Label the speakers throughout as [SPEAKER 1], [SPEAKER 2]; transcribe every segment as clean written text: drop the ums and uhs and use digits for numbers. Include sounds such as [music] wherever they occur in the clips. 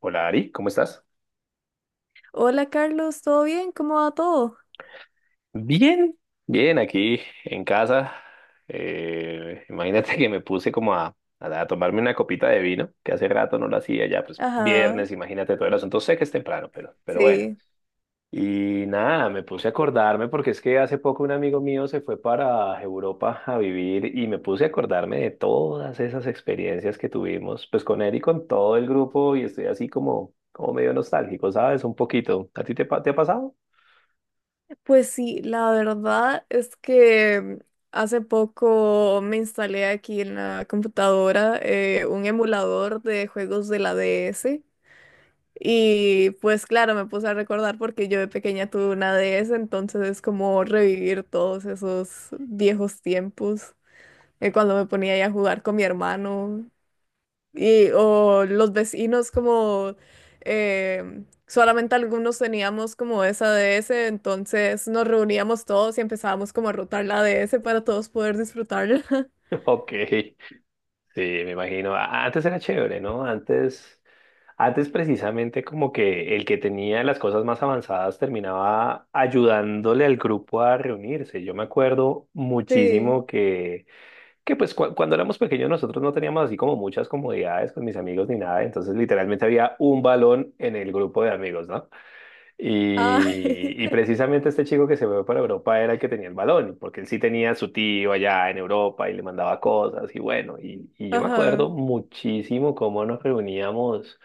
[SPEAKER 1] Hola Ari, ¿cómo estás?
[SPEAKER 2] Hola Carlos, ¿todo bien? ¿Cómo va todo?
[SPEAKER 1] Bien, bien, aquí en casa. Imagínate que me puse como a tomarme una copita de vino, que hace rato no lo hacía ya, pues
[SPEAKER 2] Ajá,
[SPEAKER 1] viernes, imagínate todo el asunto. Sé que es temprano, pero bueno.
[SPEAKER 2] sí.
[SPEAKER 1] Y nada, me puse a acordarme porque es que hace poco un amigo mío se fue para Europa a vivir y me puse a acordarme de todas esas experiencias que tuvimos, pues con él y con todo el grupo y estoy así como medio nostálgico, ¿sabes? Un poquito. ¿A ti te ha pasado?
[SPEAKER 2] Pues sí, la verdad es que hace poco me instalé aquí en la computadora un emulador de juegos de la DS. Y pues claro, me puse a recordar porque yo de pequeña tuve una DS, entonces es como revivir todos esos viejos tiempos cuando me ponía ahí a jugar con mi hermano. Y, o los vecinos como solamente algunos teníamos como esa DS, entonces nos reuníamos todos y empezábamos como a rotar la DS para todos poder disfrutarla. [laughs]
[SPEAKER 1] [laughs] Ok. Sí, me imagino. Antes era chévere, ¿no? Antes precisamente como que el que tenía las cosas más avanzadas terminaba ayudándole al grupo a reunirse. Yo me acuerdo muchísimo
[SPEAKER 2] Sí.
[SPEAKER 1] que, que cuando éramos pequeños nosotros no teníamos así como muchas comodidades con mis amigos ni nada, entonces literalmente había un balón en el grupo de amigos, ¿no?
[SPEAKER 2] Ay,
[SPEAKER 1] Y precisamente este chico que se fue para Europa era el que tenía el balón, porque él sí tenía a su tío allá en Europa y le mandaba cosas y bueno, y
[SPEAKER 2] [laughs]
[SPEAKER 1] yo me acuerdo
[SPEAKER 2] ajá.
[SPEAKER 1] muchísimo cómo nos reuníamos,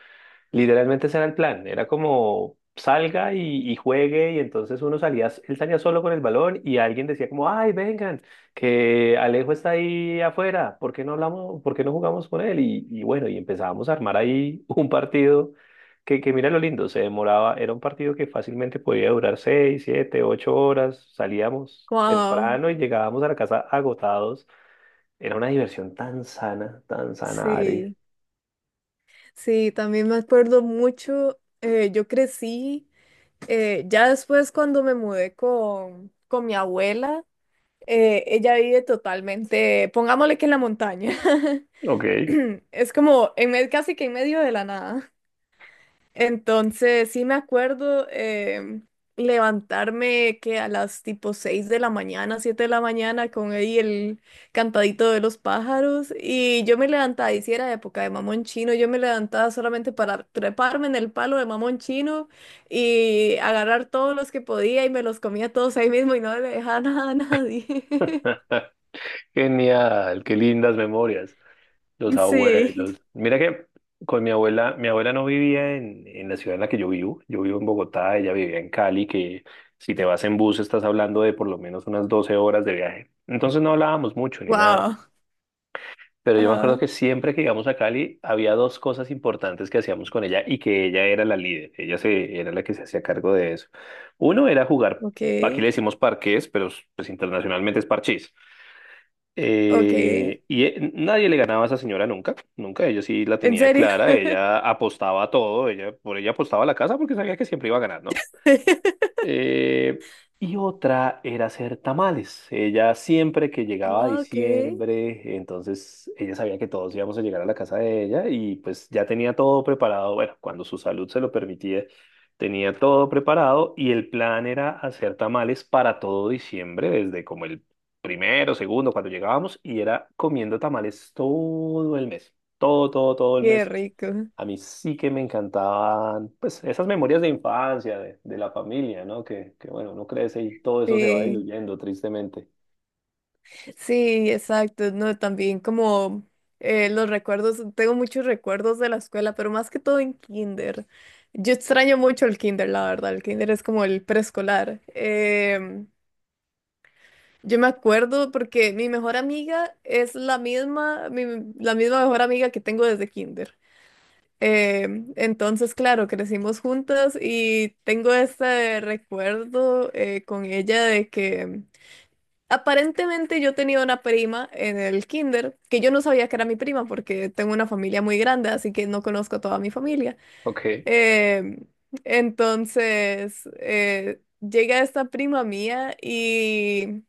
[SPEAKER 1] literalmente ese era el plan, era como salga y juegue y entonces uno salía, él salía solo con el balón y alguien decía como, ay, vengan, que Alejo está ahí afuera, ¿por qué no hablamos, por qué no jugamos con él? Y bueno, y empezábamos a armar ahí un partido que mira lo lindo, se demoraba, era un partido que fácilmente podía durar 6, 7, 8 horas, salíamos
[SPEAKER 2] Wow.
[SPEAKER 1] temprano y llegábamos a la casa agotados. Era una diversión tan sana, Ari.
[SPEAKER 2] Sí. Sí, también me acuerdo mucho. Yo crecí ya después cuando me mudé con mi abuela, ella vive totalmente, pongámosle que en la montaña. [laughs]
[SPEAKER 1] Ok.
[SPEAKER 2] [clears throat] Es como en medio, casi que en medio de la nada. Entonces, sí me acuerdo levantarme que a las tipo 6 de la mañana, 7 de la mañana, con ahí el cantadito de los pájaros. Y yo me levantaba, y si era época de mamón chino, yo me levantaba solamente para treparme en el palo de mamón chino y agarrar todos los que podía y me los comía todos ahí mismo y no le dejaba [laughs] nada a nadie. [laughs]
[SPEAKER 1] [laughs] Genial, qué lindas memorias. Los
[SPEAKER 2] Sí.
[SPEAKER 1] abuelos. Mira que con mi abuela no vivía en la ciudad en la que yo vivo. Yo vivo en Bogotá, ella vivía en Cali, que si te vas en bus estás hablando de por lo menos unas 12 horas de viaje. Entonces no hablábamos mucho ni nada.
[SPEAKER 2] Wow.
[SPEAKER 1] Pero yo me acuerdo
[SPEAKER 2] Ajá.
[SPEAKER 1] que siempre que íbamos a Cali había dos cosas importantes que hacíamos con ella y que ella era la líder, ella se, era la que se hacía cargo de eso. Uno era jugar,
[SPEAKER 2] Ok.
[SPEAKER 1] aquí le decimos parqués, pero pues internacionalmente es parchís.
[SPEAKER 2] Ok.
[SPEAKER 1] Y nadie le ganaba a esa señora nunca, nunca, ella sí la
[SPEAKER 2] ¿En
[SPEAKER 1] tenía
[SPEAKER 2] serio?
[SPEAKER 1] clara, ella apostaba a todo, por ella apostaba a la casa porque sabía que siempre iba a ganar, ¿no?
[SPEAKER 2] [laughs]
[SPEAKER 1] Eh, y otra era hacer tamales. Ella siempre que llegaba a
[SPEAKER 2] Ok,
[SPEAKER 1] diciembre, entonces ella sabía que todos íbamos a llegar a la casa de ella y pues ya tenía todo preparado, bueno, cuando su salud se lo permitía, tenía todo preparado y el plan era hacer tamales para todo diciembre, desde como el primero, segundo, cuando llegábamos y era comiendo tamales todo el mes, todo, todo, todo el
[SPEAKER 2] qué
[SPEAKER 1] mes
[SPEAKER 2] rico.
[SPEAKER 1] a mí sí que me encantaban, pues, esas memorias de infancia, de la familia, ¿no? Bueno, uno crece y todo eso se va
[SPEAKER 2] Sí,
[SPEAKER 1] diluyendo, tristemente.
[SPEAKER 2] sí, exacto. No, también como los recuerdos, tengo muchos recuerdos de la escuela, pero más que todo en kinder. Yo extraño mucho el kinder, la verdad. El kinder es como el preescolar. Yo me acuerdo porque mi mejor amiga es la misma, la misma mejor amiga que tengo desde kinder. Eh, entonces, claro, crecimos juntas y tengo este recuerdo con ella de que aparentemente yo tenía una prima en el kinder, que yo no sabía que era mi prima porque tengo una familia muy grande, así que no conozco a toda mi familia.
[SPEAKER 1] Ok.
[SPEAKER 2] Eh, entonces, llega esta prima mía y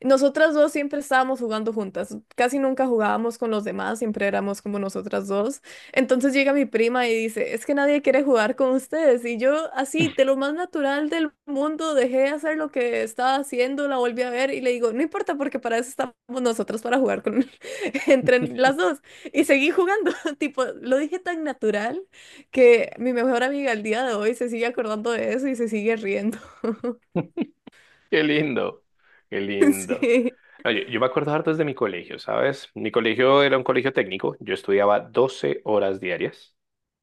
[SPEAKER 2] nosotras dos siempre estábamos jugando juntas, casi nunca jugábamos con los demás, siempre éramos como nosotras dos. Entonces llega mi prima y dice, es que nadie quiere jugar con ustedes. Y yo así, de lo más natural del mundo, dejé de hacer lo que estaba haciendo, la volví a ver y le digo, no importa porque para eso estamos nosotras, para jugar con [laughs] entre las
[SPEAKER 1] [laughs]
[SPEAKER 2] dos. Y seguí jugando, [laughs] tipo, lo dije tan natural que mi mejor amiga al día de hoy se sigue acordando de eso y se sigue riendo. [laughs]
[SPEAKER 1] Qué lindo, qué lindo.
[SPEAKER 2] Sí,
[SPEAKER 1] No, yo me acuerdo harto desde mi colegio, ¿sabes? Mi colegio era un colegio técnico, yo estudiaba 12 horas diarias,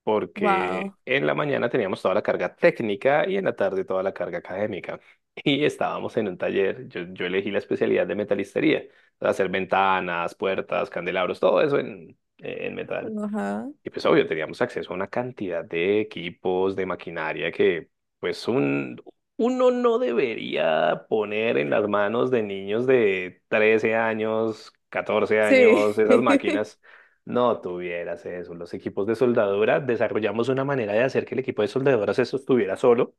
[SPEAKER 1] porque
[SPEAKER 2] wow.
[SPEAKER 1] en la mañana teníamos toda la carga técnica y en la tarde toda la carga académica. [laughs] Y estábamos en un taller, yo elegí la especialidad de metalistería, hacer ventanas, puertas, candelabros, todo eso en metal.
[SPEAKER 2] Ajá.
[SPEAKER 1] Y pues obvio, teníamos acceso a una cantidad de equipos, de maquinaria que pues uno no debería poner en las manos de niños de 13 años, catorce
[SPEAKER 2] Sí,
[SPEAKER 1] años, esas
[SPEAKER 2] [laughs]
[SPEAKER 1] máquinas. No tuvieras eso. Los equipos de soldadura desarrollamos una manera de hacer que el equipo de soldadura se sostuviera solo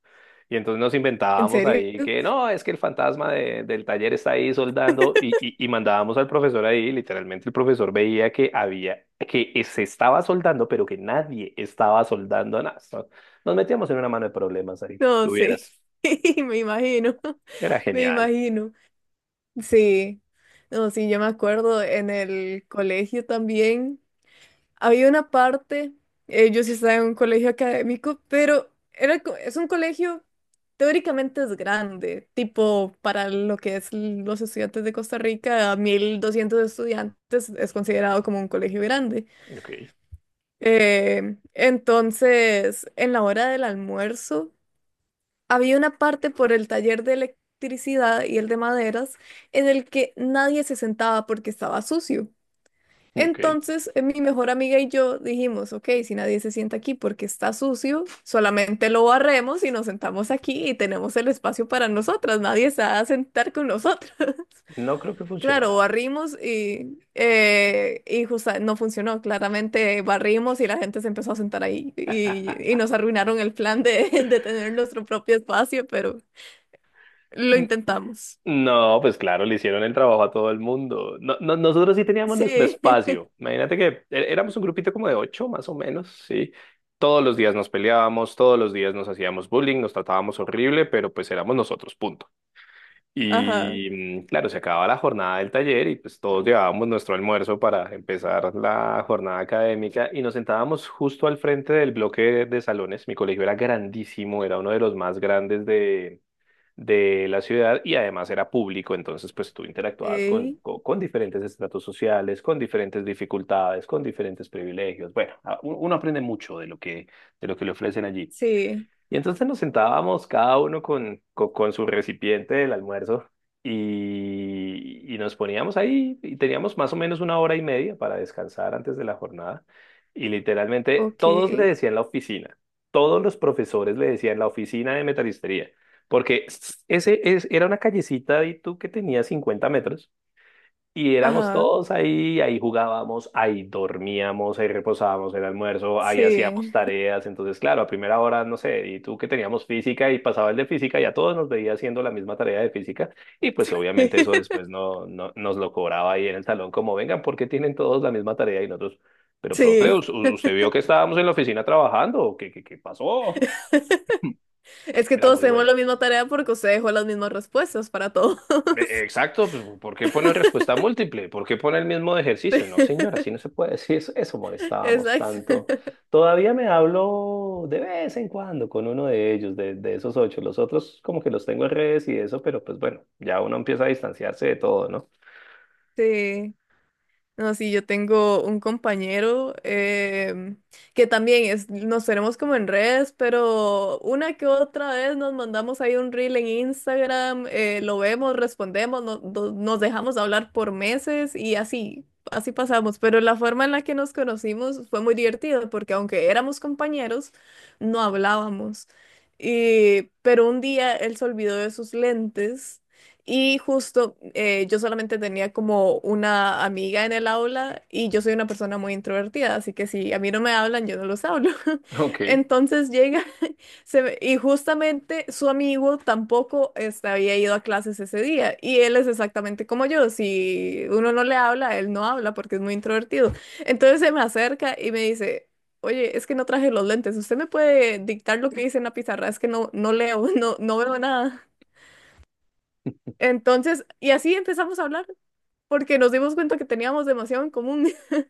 [SPEAKER 1] y entonces nos
[SPEAKER 2] ¿en
[SPEAKER 1] inventábamos
[SPEAKER 2] serio?
[SPEAKER 1] ahí que no, es que el fantasma del taller está ahí soldando y mandábamos al profesor ahí, literalmente el profesor veía que había, se estaba soldando, pero que nadie estaba soldando nada. So- Nos metíamos en una mano de problemas ahí.
[SPEAKER 2] No, sí,
[SPEAKER 1] Tuvieras.
[SPEAKER 2] [laughs] me imagino,
[SPEAKER 1] Era
[SPEAKER 2] [laughs] me
[SPEAKER 1] genial.
[SPEAKER 2] imagino. Sí, no, sí, yo me acuerdo en el colegio también. Había una parte, yo sí estaba en un colegio académico, pero era, es un colegio, teóricamente es grande, tipo para lo que es los estudiantes de Costa Rica, 1.200 estudiantes es considerado como un colegio grande.
[SPEAKER 1] Ok,
[SPEAKER 2] Entonces, en la hora del almuerzo, había una parte por el taller de electricidad y el de maderas en el que nadie se sentaba porque estaba sucio.
[SPEAKER 1] ok.
[SPEAKER 2] Entonces, mi mejor amiga y yo dijimos, ok, si nadie se sienta aquí porque está sucio, solamente lo barremos y nos sentamos aquí y tenemos el espacio para nosotras, nadie se va a sentar con nosotras. [laughs]
[SPEAKER 1] No creo que
[SPEAKER 2] Claro,
[SPEAKER 1] funcionara.
[SPEAKER 2] barrimos y, no funcionó, claramente barrimos y la gente se empezó a sentar ahí
[SPEAKER 1] [laughs]
[SPEAKER 2] y nos arruinaron el plan de, [laughs] de tener nuestro propio espacio, pero... Lo intentamos.
[SPEAKER 1] No, pues claro, le hicieron el trabajo a todo el mundo. No, nosotros sí teníamos nuestro
[SPEAKER 2] Sí.
[SPEAKER 1] espacio.
[SPEAKER 2] [laughs]
[SPEAKER 1] Imagínate que éramos un grupito como de ocho, más o menos, sí. Todos los días nos peleábamos, todos los días nos hacíamos bullying, nos tratábamos horrible, pero pues éramos nosotros, punto.
[SPEAKER 2] Ajá.
[SPEAKER 1] Y claro, se acababa la jornada del taller y pues todos llevábamos nuestro almuerzo para empezar la jornada académica y nos sentábamos justo al frente del bloque de salones. Mi colegio era grandísimo, era uno de los más grandes de la ciudad y además era público, entonces pues tú interactuabas con,
[SPEAKER 2] Sí.
[SPEAKER 1] con, con diferentes estratos sociales, con diferentes dificultades, con diferentes privilegios. Bueno, uno aprende mucho de lo que le ofrecen allí.
[SPEAKER 2] Sí.
[SPEAKER 1] Y entonces nos sentábamos cada uno con su recipiente del almuerzo y nos poníamos ahí y teníamos más o menos una hora y media para descansar antes de la jornada. Y literalmente
[SPEAKER 2] Ok.
[SPEAKER 1] todos le decían la oficina, todos los profesores le decían la oficina de metalistería, porque ese es, era una callecita y tú que tenía 50 metros y éramos
[SPEAKER 2] Ajá.
[SPEAKER 1] todos ahí, ahí jugábamos, ahí dormíamos, ahí reposábamos el almuerzo, ahí hacíamos
[SPEAKER 2] Sí.
[SPEAKER 1] tareas. Entonces, claro, a primera hora, no sé, y tú que teníamos física y pasaba el de física y a todos nos veía haciendo la misma tarea de física. Y pues obviamente eso después
[SPEAKER 2] [laughs]
[SPEAKER 1] no nos lo cobraba ahí en el salón, como vengan, ¿por qué tienen todos la misma tarea y nosotros? Pero, profe,
[SPEAKER 2] Sí.
[SPEAKER 1] usted vio que estábamos en la oficina trabajando, ¿qué pasó? [laughs]
[SPEAKER 2] Es que
[SPEAKER 1] Era
[SPEAKER 2] todos
[SPEAKER 1] muy
[SPEAKER 2] tenemos la
[SPEAKER 1] bueno.
[SPEAKER 2] misma tarea porque usted dejó las mismas respuestas para todos.
[SPEAKER 1] Exacto, pues, ¿por qué pone respuesta
[SPEAKER 2] [laughs]
[SPEAKER 1] múltiple? ¿Por qué pone el mismo de
[SPEAKER 2] Sí.
[SPEAKER 1] ejercicio? No, señora, así no
[SPEAKER 2] [laughs]
[SPEAKER 1] se puede. [laughs] Sí, eso molestábamos tanto.
[SPEAKER 2] Exacto.
[SPEAKER 1] Todavía me hablo de vez en cuando con uno de ellos, de esos ocho. Los otros como que los tengo en redes y eso, pero pues bueno, ya uno empieza a distanciarse de todo, ¿no?
[SPEAKER 2] Sí. No, sí, yo tengo un compañero que también es, nos tenemos como en redes, pero una que otra vez nos mandamos ahí un reel en Instagram, lo vemos, respondemos, nos dejamos hablar por meses y así, así pasamos. Pero la forma en la que nos conocimos fue muy divertida porque aunque éramos compañeros, no hablábamos. Y, pero un día él se olvidó de sus lentes y justo yo solamente tenía como una amiga en el aula y yo soy una persona muy introvertida, así que si a mí no me hablan, yo no los hablo.
[SPEAKER 1] [laughs]
[SPEAKER 2] [laughs]
[SPEAKER 1] Ok.
[SPEAKER 2] Entonces llega [laughs] y justamente su amigo tampoco este, había ido a clases ese día y él es exactamente como yo, si uno no le habla, él no habla porque es muy introvertido. Entonces se me acerca y me dice... Oye, es que no traje los lentes. ¿Usted me puede dictar lo que dice en la pizarra? Es que no, no leo, [laughs] no veo nada. Entonces, y así empezamos a hablar, porque nos dimos cuenta que teníamos demasiado en común. [laughs]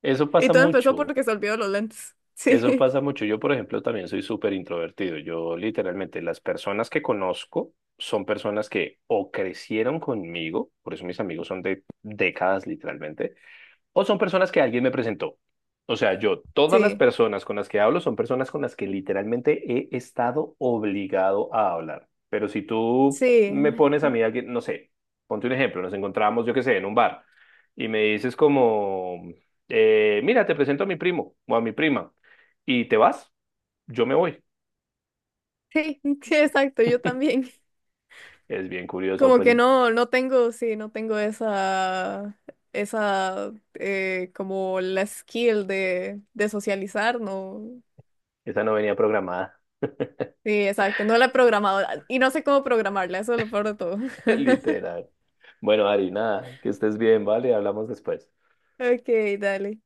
[SPEAKER 1] Eso
[SPEAKER 2] Y
[SPEAKER 1] pasa
[SPEAKER 2] todo empezó
[SPEAKER 1] mucho,
[SPEAKER 2] porque se olvidó los lentes. [laughs]
[SPEAKER 1] eso
[SPEAKER 2] Sí,
[SPEAKER 1] pasa mucho. Yo, por ejemplo, también soy súper introvertido. Yo literalmente las personas que conozco son personas que o crecieron conmigo, por eso mis amigos son de décadas literalmente o son personas que alguien me presentó. O sea, yo, todas las
[SPEAKER 2] sí,
[SPEAKER 1] personas con las que hablo son personas con las que literalmente he estado obligado a hablar. Pero si tú me
[SPEAKER 2] sí,
[SPEAKER 1] pones a mí alguien, no sé, ponte un ejemplo, nos encontramos, yo qué sé, en un bar y me dices como, mira, te presento a mi primo o a mi prima y te vas, yo me voy.
[SPEAKER 2] sí, [laughs] sí, exacto, yo también.
[SPEAKER 1] Es bien curioso,
[SPEAKER 2] Como
[SPEAKER 1] pues
[SPEAKER 2] que no, no tengo esa, esa, como la skill de socializar, no.
[SPEAKER 1] esa no venía programada,
[SPEAKER 2] Sí, exacto, no la he programado y no sé cómo programarla, eso es lo peor de todo.
[SPEAKER 1] [laughs]
[SPEAKER 2] [laughs]
[SPEAKER 1] literal. Bueno, Ari, nada, que estés bien, ¿vale? Hablamos después.
[SPEAKER 2] Ok, dale.